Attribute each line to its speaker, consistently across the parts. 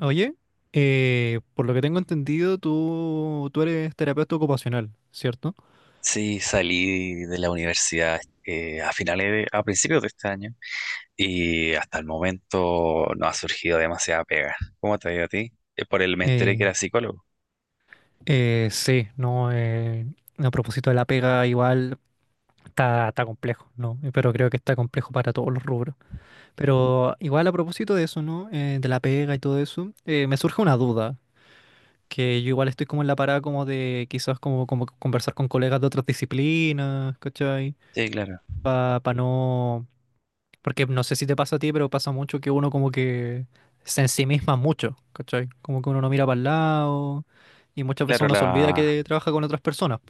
Speaker 1: Oye, por lo que tengo entendido, tú eres terapeuta ocupacional, ¿cierto?
Speaker 2: Sí, salí de la universidad a a principios de este año y hasta el momento no ha surgido demasiada pega. ¿Cómo te ha ido a ti? Por el me enteré
Speaker 1: Eh,
Speaker 2: que era psicólogo.
Speaker 1: sí, no, a propósito de la pega, igual está complejo, ¿no? Pero creo que está complejo para todos los rubros. Pero igual a propósito de eso, ¿no? De la pega y todo eso, me surge una duda, que yo igual estoy como en la parada como de quizás como conversar con colegas de otras disciplinas, ¿cachai?
Speaker 2: Sí, claro.
Speaker 1: Para no. Porque no sé si te pasa a ti, pero pasa mucho que uno como que se ensimisma mucho, ¿cachai? Como que uno no mira para el lado y muchas veces
Speaker 2: Claro,
Speaker 1: uno se olvida que trabaja con otras personas.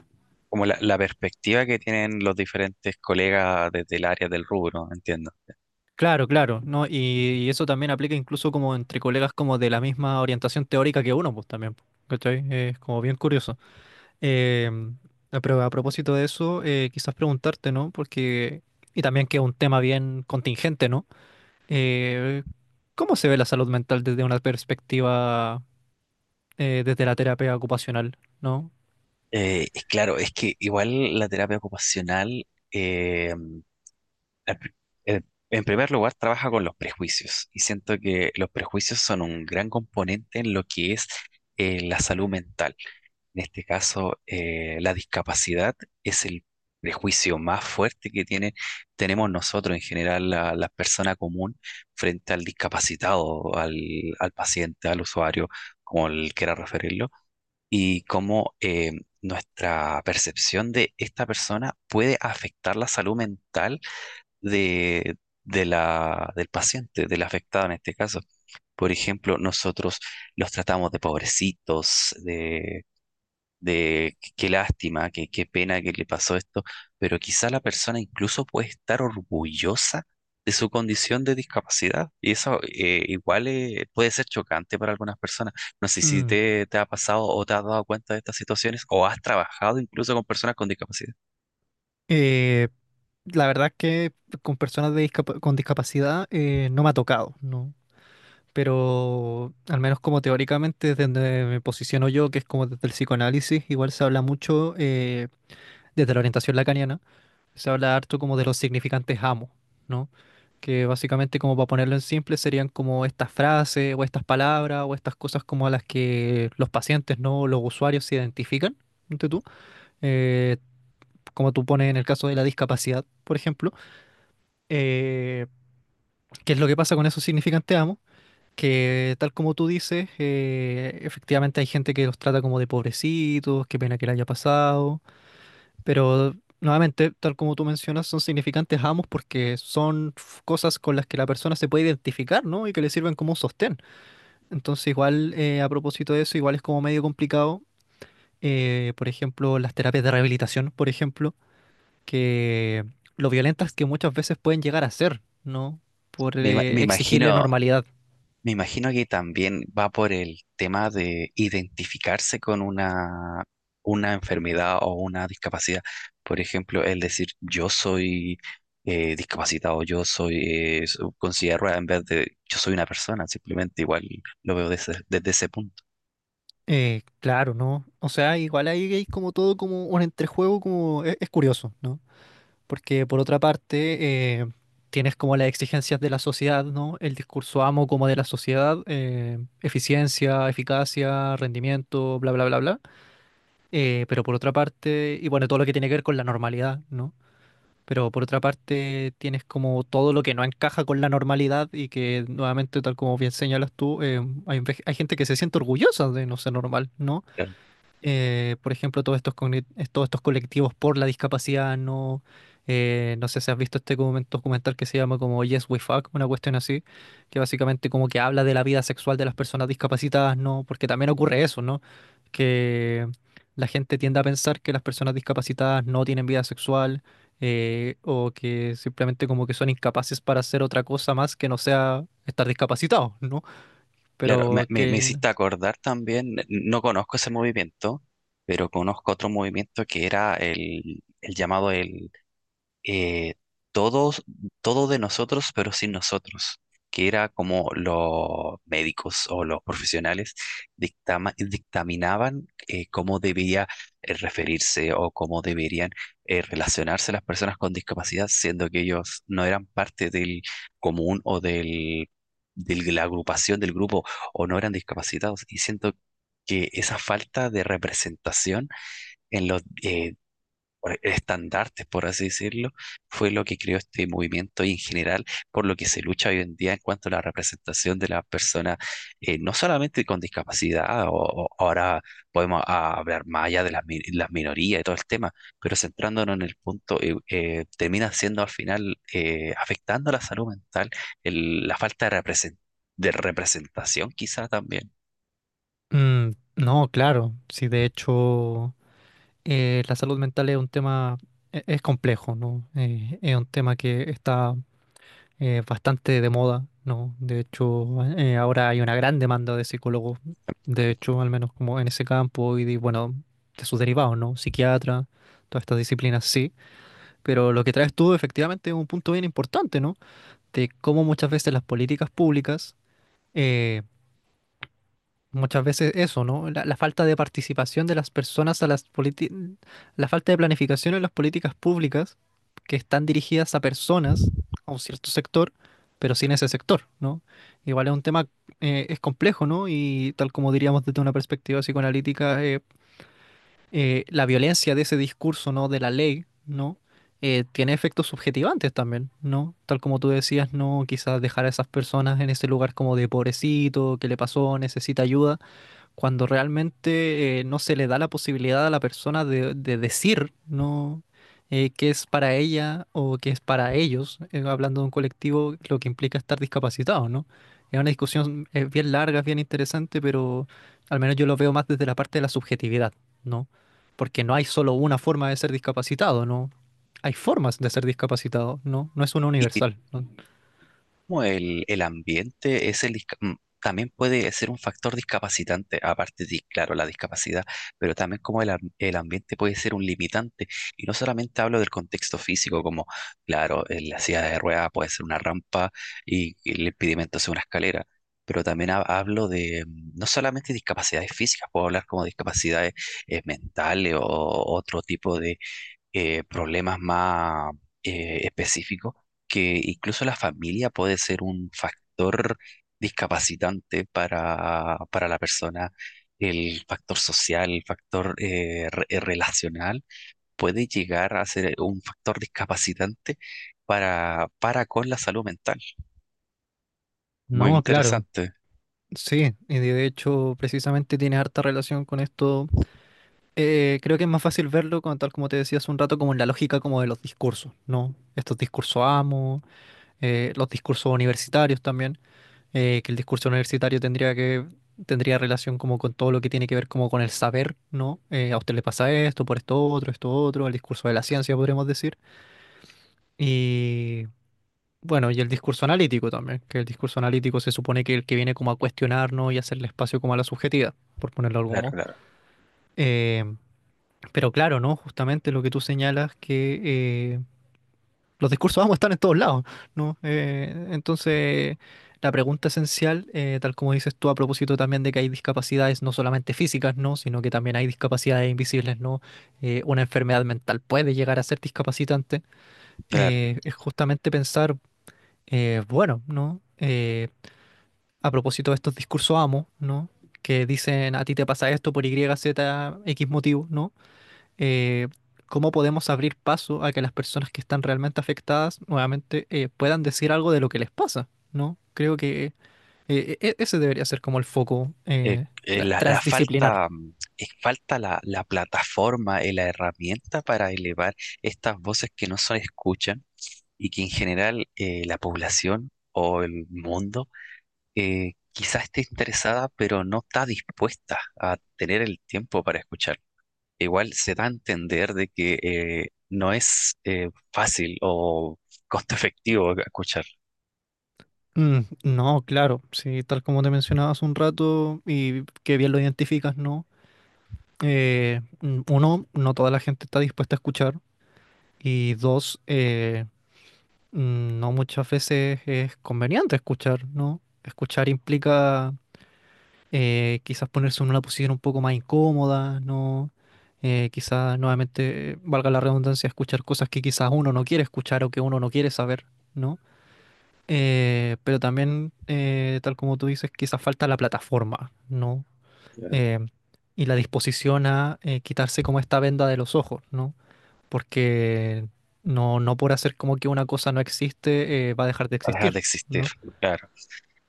Speaker 2: como la perspectiva que tienen los diferentes colegas desde el área del rubro, entiendo.
Speaker 1: Claro, claro, ¿no? Y eso también aplica incluso como entre colegas como de la misma orientación teórica que uno, pues también, pues, ¿cachai? Es como bien curioso. Em, ah, pero a propósito de eso, quizás preguntarte, ¿no? Porque, y también que es un tema bien contingente, ¿no? Eh, ¿Cómo se ve la salud mental desde una perspectiva, desde la terapia ocupacional, ¿no?
Speaker 2: Es claro, es que igual la terapia ocupacional En pr- en- en primer lugar, trabaja con los prejuicios y siento que los prejuicios son un gran componente en lo que es la salud mental. En este caso, la discapacidad es el prejuicio más fuerte que tenemos nosotros en general, la persona común, frente al discapacitado, al paciente, al usuario, como él quiera referirlo, y cómo nuestra percepción de esta persona puede afectar la salud mental de, de del paciente, del afectado en este caso. Por ejemplo, nosotros los tratamos de pobrecitos, de qué lástima, qué pena que le pasó esto, pero quizá la persona incluso puede estar orgullosa de su condición de discapacidad. Y eso, igual puede ser chocante para algunas personas. No sé si
Speaker 1: Mm.
Speaker 2: te ha pasado o te has dado cuenta de estas situaciones o has trabajado incluso con personas con discapacidad.
Speaker 1: Eh, la verdad es que con discapacidad no me ha tocado, ¿no? Pero al menos como teóricamente, desde donde me posiciono yo, que es como desde el psicoanálisis, igual se habla mucho desde la orientación lacaniana, se habla harto como de los significantes amo, ¿no? Que básicamente, como para ponerlo en simple, serían como estas frases o estas palabras o estas cosas como a las que los pacientes, ¿no? Los usuarios se identifican, ¿no? eh, Como tú pones en el caso de la discapacidad, por ejemplo, eh, qué es lo que pasa con esos significantes amos, que tal como tú dices, efectivamente hay gente que los trata como de pobrecitos, qué pena que le haya pasado, pero nuevamente, tal como tú mencionas, son significantes amos porque cosas con las que la persona se puede identificar, ¿no? Y que le sirven como un sostén. Entonces, igual, a propósito de eso, igual es como medio complicado. Por ejemplo, las terapias de rehabilitación, por ejemplo, que lo violentas que muchas veces pueden llegar a ser, ¿no? Por
Speaker 2: Me, ima- me
Speaker 1: exigirle
Speaker 2: imagino
Speaker 1: normalidad.
Speaker 2: Me imagino que también va por el tema de identificarse con una enfermedad o una discapacidad. Por ejemplo, el decir yo soy discapacitado, yo soy con silla de ruedas, en vez de yo soy una persona, simplemente igual lo veo desde ese punto.
Speaker 1: Claro, ¿no? O sea, igual ahí hay como todo como un entrejuego, como es curioso, ¿no? Porque por otra parte, tienes como las exigencias de la sociedad, ¿no? El discurso amo como de la sociedad, eficiencia, eficacia, rendimiento, bla, bla, bla, bla. Pero por otra parte, y bueno, todo lo que tiene que ver con la normalidad, ¿no? Pero por otra parte, tienes como todo lo que no encaja con la normalidad y que nuevamente, tal como bien señalas tú, hay gente que se siente orgullosa de no ser normal, ¿no?
Speaker 2: Claro.
Speaker 1: Por ejemplo, todos estos colectivos por la discapacidad, ¿no? No sé si has visto este documental que se llama como Yes We Fuck, una cuestión así, que básicamente como que habla de la vida sexual de las personas discapacitadas, ¿no? Porque también ocurre eso, ¿no? Que la gente tiende a pensar que las personas discapacitadas no tienen vida sexual. O que simplemente como que son incapaces para hacer otra cosa más que no sea estar discapacitados, ¿no?
Speaker 2: Claro,
Speaker 1: Pero
Speaker 2: me
Speaker 1: que n-
Speaker 2: hiciste acordar también, no conozco ese movimiento, pero conozco otro movimiento que era el llamado eh, todos, todo de nosotros, pero sin nosotros, que era como los médicos o los profesionales dictaminaban cómo debía referirse o cómo deberían relacionarse las personas con discapacidad, siendo que ellos no eran parte del común o de la agrupación del grupo o no eran discapacitados. Y siento que esa falta de representación en los estandartes, por así decirlo, fue lo que creó este movimiento y en general por lo que se lucha hoy en día en cuanto a la representación de las personas, no solamente con discapacidad, o ahora podemos hablar más allá de las minorías y todo el tema, pero centrándonos en el punto, termina siendo al final afectando la salud mental, la falta de representación quizá también.
Speaker 1: Mm, no, claro, sí, de hecho, la salud mental es un tema, es complejo, ¿no? Es un tema que está bastante de moda, ¿no? De hecho, ahora hay una gran demanda de psicólogos, de hecho, al menos como en ese campo, y de, bueno, de sus derivados, ¿no? Psiquiatra, todas estas disciplinas, sí, pero lo que traes tú efectivamente es un punto bien importante, ¿no? De cómo muchas veces las políticas públicas. eh, Muchas veces eso, ¿no? La falta de participación de las personas a las políticas, la falta de planificación en las políticas públicas que están dirigidas a personas, a un cierto sector, pero sin ese sector, ¿no? Igual es un tema, es complejo, ¿no? Y tal como diríamos desde una perspectiva psicoanalítica, la violencia de ese discurso, ¿no? De la ley, ¿no? Tiene efectos subjetivantes también, ¿no? Tal como tú decías, ¿no? Quizás dejar a esas personas en ese lugar como de pobrecito, ¿qué le pasó? Necesita ayuda cuando realmente no se le da la posibilidad a la persona de, decir no qué es para ella o qué es para ellos, hablando de un colectivo, lo que implica estar discapacitado, ¿no? Es una discusión bien larga, bien interesante, pero al menos yo lo veo más desde la parte de la subjetividad, ¿no? Porque no hay solo una forma de ser discapacitado, ¿no? Hay formas de ser discapacitado, ¿no? No es una universal, ¿no?
Speaker 2: Como el ambiente es el, también puede ser un factor discapacitante, aparte de, claro, la discapacidad, pero también como el ambiente puede ser un limitante. Y no solamente hablo del contexto físico, como, claro, en la silla de ruedas puede ser una rampa y el impedimento es una escalera. Pero también hablo de no solamente discapacidades físicas, puedo hablar como discapacidades mentales o otro tipo problemas más específicos, que incluso la familia puede ser un factor discapacitante para la persona. El factor social, el factor relacional puede llegar a ser un factor discapacitante para con la salud mental. Muy
Speaker 1: No, claro.
Speaker 2: interesante.
Speaker 1: Sí, y de hecho precisamente tiene harta relación con esto. Creo que es más fácil verlo, como, tal como te decía hace un rato, como en la lógica como de los discursos, ¿no? Estos discursos amo, los discursos universitarios también, que el discurso universitario tendría relación como con todo lo que tiene que ver como con el saber, ¿no? A usted le pasa esto, por esto otro, el discurso de la ciencia podríamos decir. Y bueno, y el discurso analítico también, que el discurso analítico se supone que el que viene como a cuestionarnos y hacerle espacio como a la subjetividad, por ponerlo de algún
Speaker 2: Claro,
Speaker 1: modo.
Speaker 2: claro,
Speaker 1: Em, Pero claro, ¿no? Justamente lo que tú señalas, que los discursos vamos a estar en todos lados, ¿no? Entonces, la pregunta esencial, tal como dices tú a propósito también de que hay discapacidades no solamente físicas, ¿no? Sino que también hay discapacidades invisibles, ¿no? Una enfermedad mental puede llegar a ser discapacitante.
Speaker 2: claro.
Speaker 1: Es justamente pensar, bueno, ¿no? A propósito de estos discursos amo, ¿no? Que dicen a ti te pasa esto por Y, Z, X motivo, ¿no? eh, Cómo podemos abrir paso a que las personas que están realmente afectadas nuevamente puedan decir algo de lo que les pasa, ¿no? Creo que ese debería ser como el foco
Speaker 2: eh, eh,
Speaker 1: tra-
Speaker 2: la,
Speaker 1: transdisciplinar.
Speaker 2: falta, falta la plataforma y la herramienta para elevar estas voces que no se escuchan y que en general, la población o el mundo quizás esté interesada, pero no está dispuesta a tener el tiempo para escuchar. Igual se da a entender de que no es fácil o costo efectivo escuchar,
Speaker 1: Mm, no, claro, sí, tal como te mencionaba hace un rato y que bien lo identificas, ¿no? Uno, no toda la gente está dispuesta a escuchar y dos, no muchas veces es conveniente escuchar, ¿no? Escuchar implica quizás ponerse en una posición un poco más incómoda, ¿no? Quizás nuevamente, valga la redundancia, escuchar cosas que quizás uno no quiere escuchar o que uno no quiere saber, ¿no? Pero también, tal como tú dices, quizás falta la plataforma, ¿no? Eh, y la disposición a quitarse como esta venda de los ojos, ¿no? Porque no por hacer como que una cosa no existe, va a dejar de
Speaker 2: dejar de
Speaker 1: existir,
Speaker 2: existir,
Speaker 1: ¿no?
Speaker 2: claro.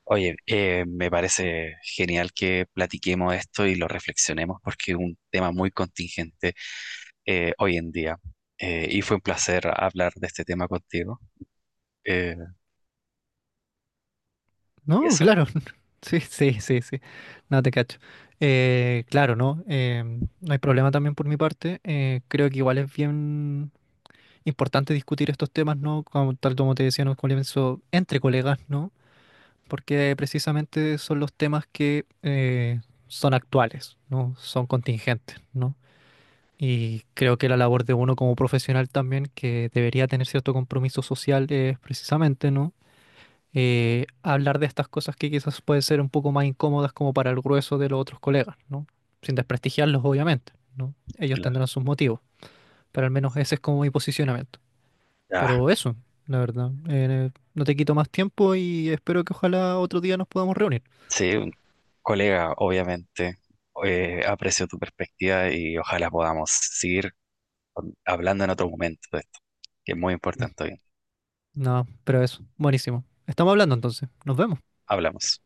Speaker 2: Oye, me parece genial que platiquemos esto y lo reflexionemos porque es un tema muy contingente hoy en día. Y fue un placer hablar de este tema contigo. Eh, y
Speaker 1: No,
Speaker 2: eso,
Speaker 1: claro. Sí, sí, sí, sí. No te cacho. Claro, ¿no? No hay problema también por mi parte. Creo que igual es bien importante discutir estos temas, ¿no? Como, tal como te decía en un comienzo, entre colegas, ¿no? Porque precisamente son los temas que son actuales, ¿no? Son contingentes, ¿no? Y creo que la labor de uno como profesional también, que debería tener cierto compromiso social, es precisamente, ¿no? Hablar de estas cosas que quizás pueden ser un poco más incómodas como para el grueso de los otros colegas, ¿no? Sin desprestigiarlos, obviamente, ¿no? Ellos
Speaker 2: la-
Speaker 1: tendrán sus motivos, pero al menos ese es como mi posicionamiento.
Speaker 2: ah,
Speaker 1: Pero eso, la verdad, no te quito más tiempo y espero que ojalá otro día nos podamos reunir.
Speaker 2: sí, un colega, obviamente, aprecio tu perspectiva y ojalá podamos seguir hablando en otro momento de esto, que es muy
Speaker 1: Mm.
Speaker 2: importante hoy.
Speaker 1: No, pero eso, buenísimo. Estamos hablando entonces, nos vemos.
Speaker 2: Hablamos.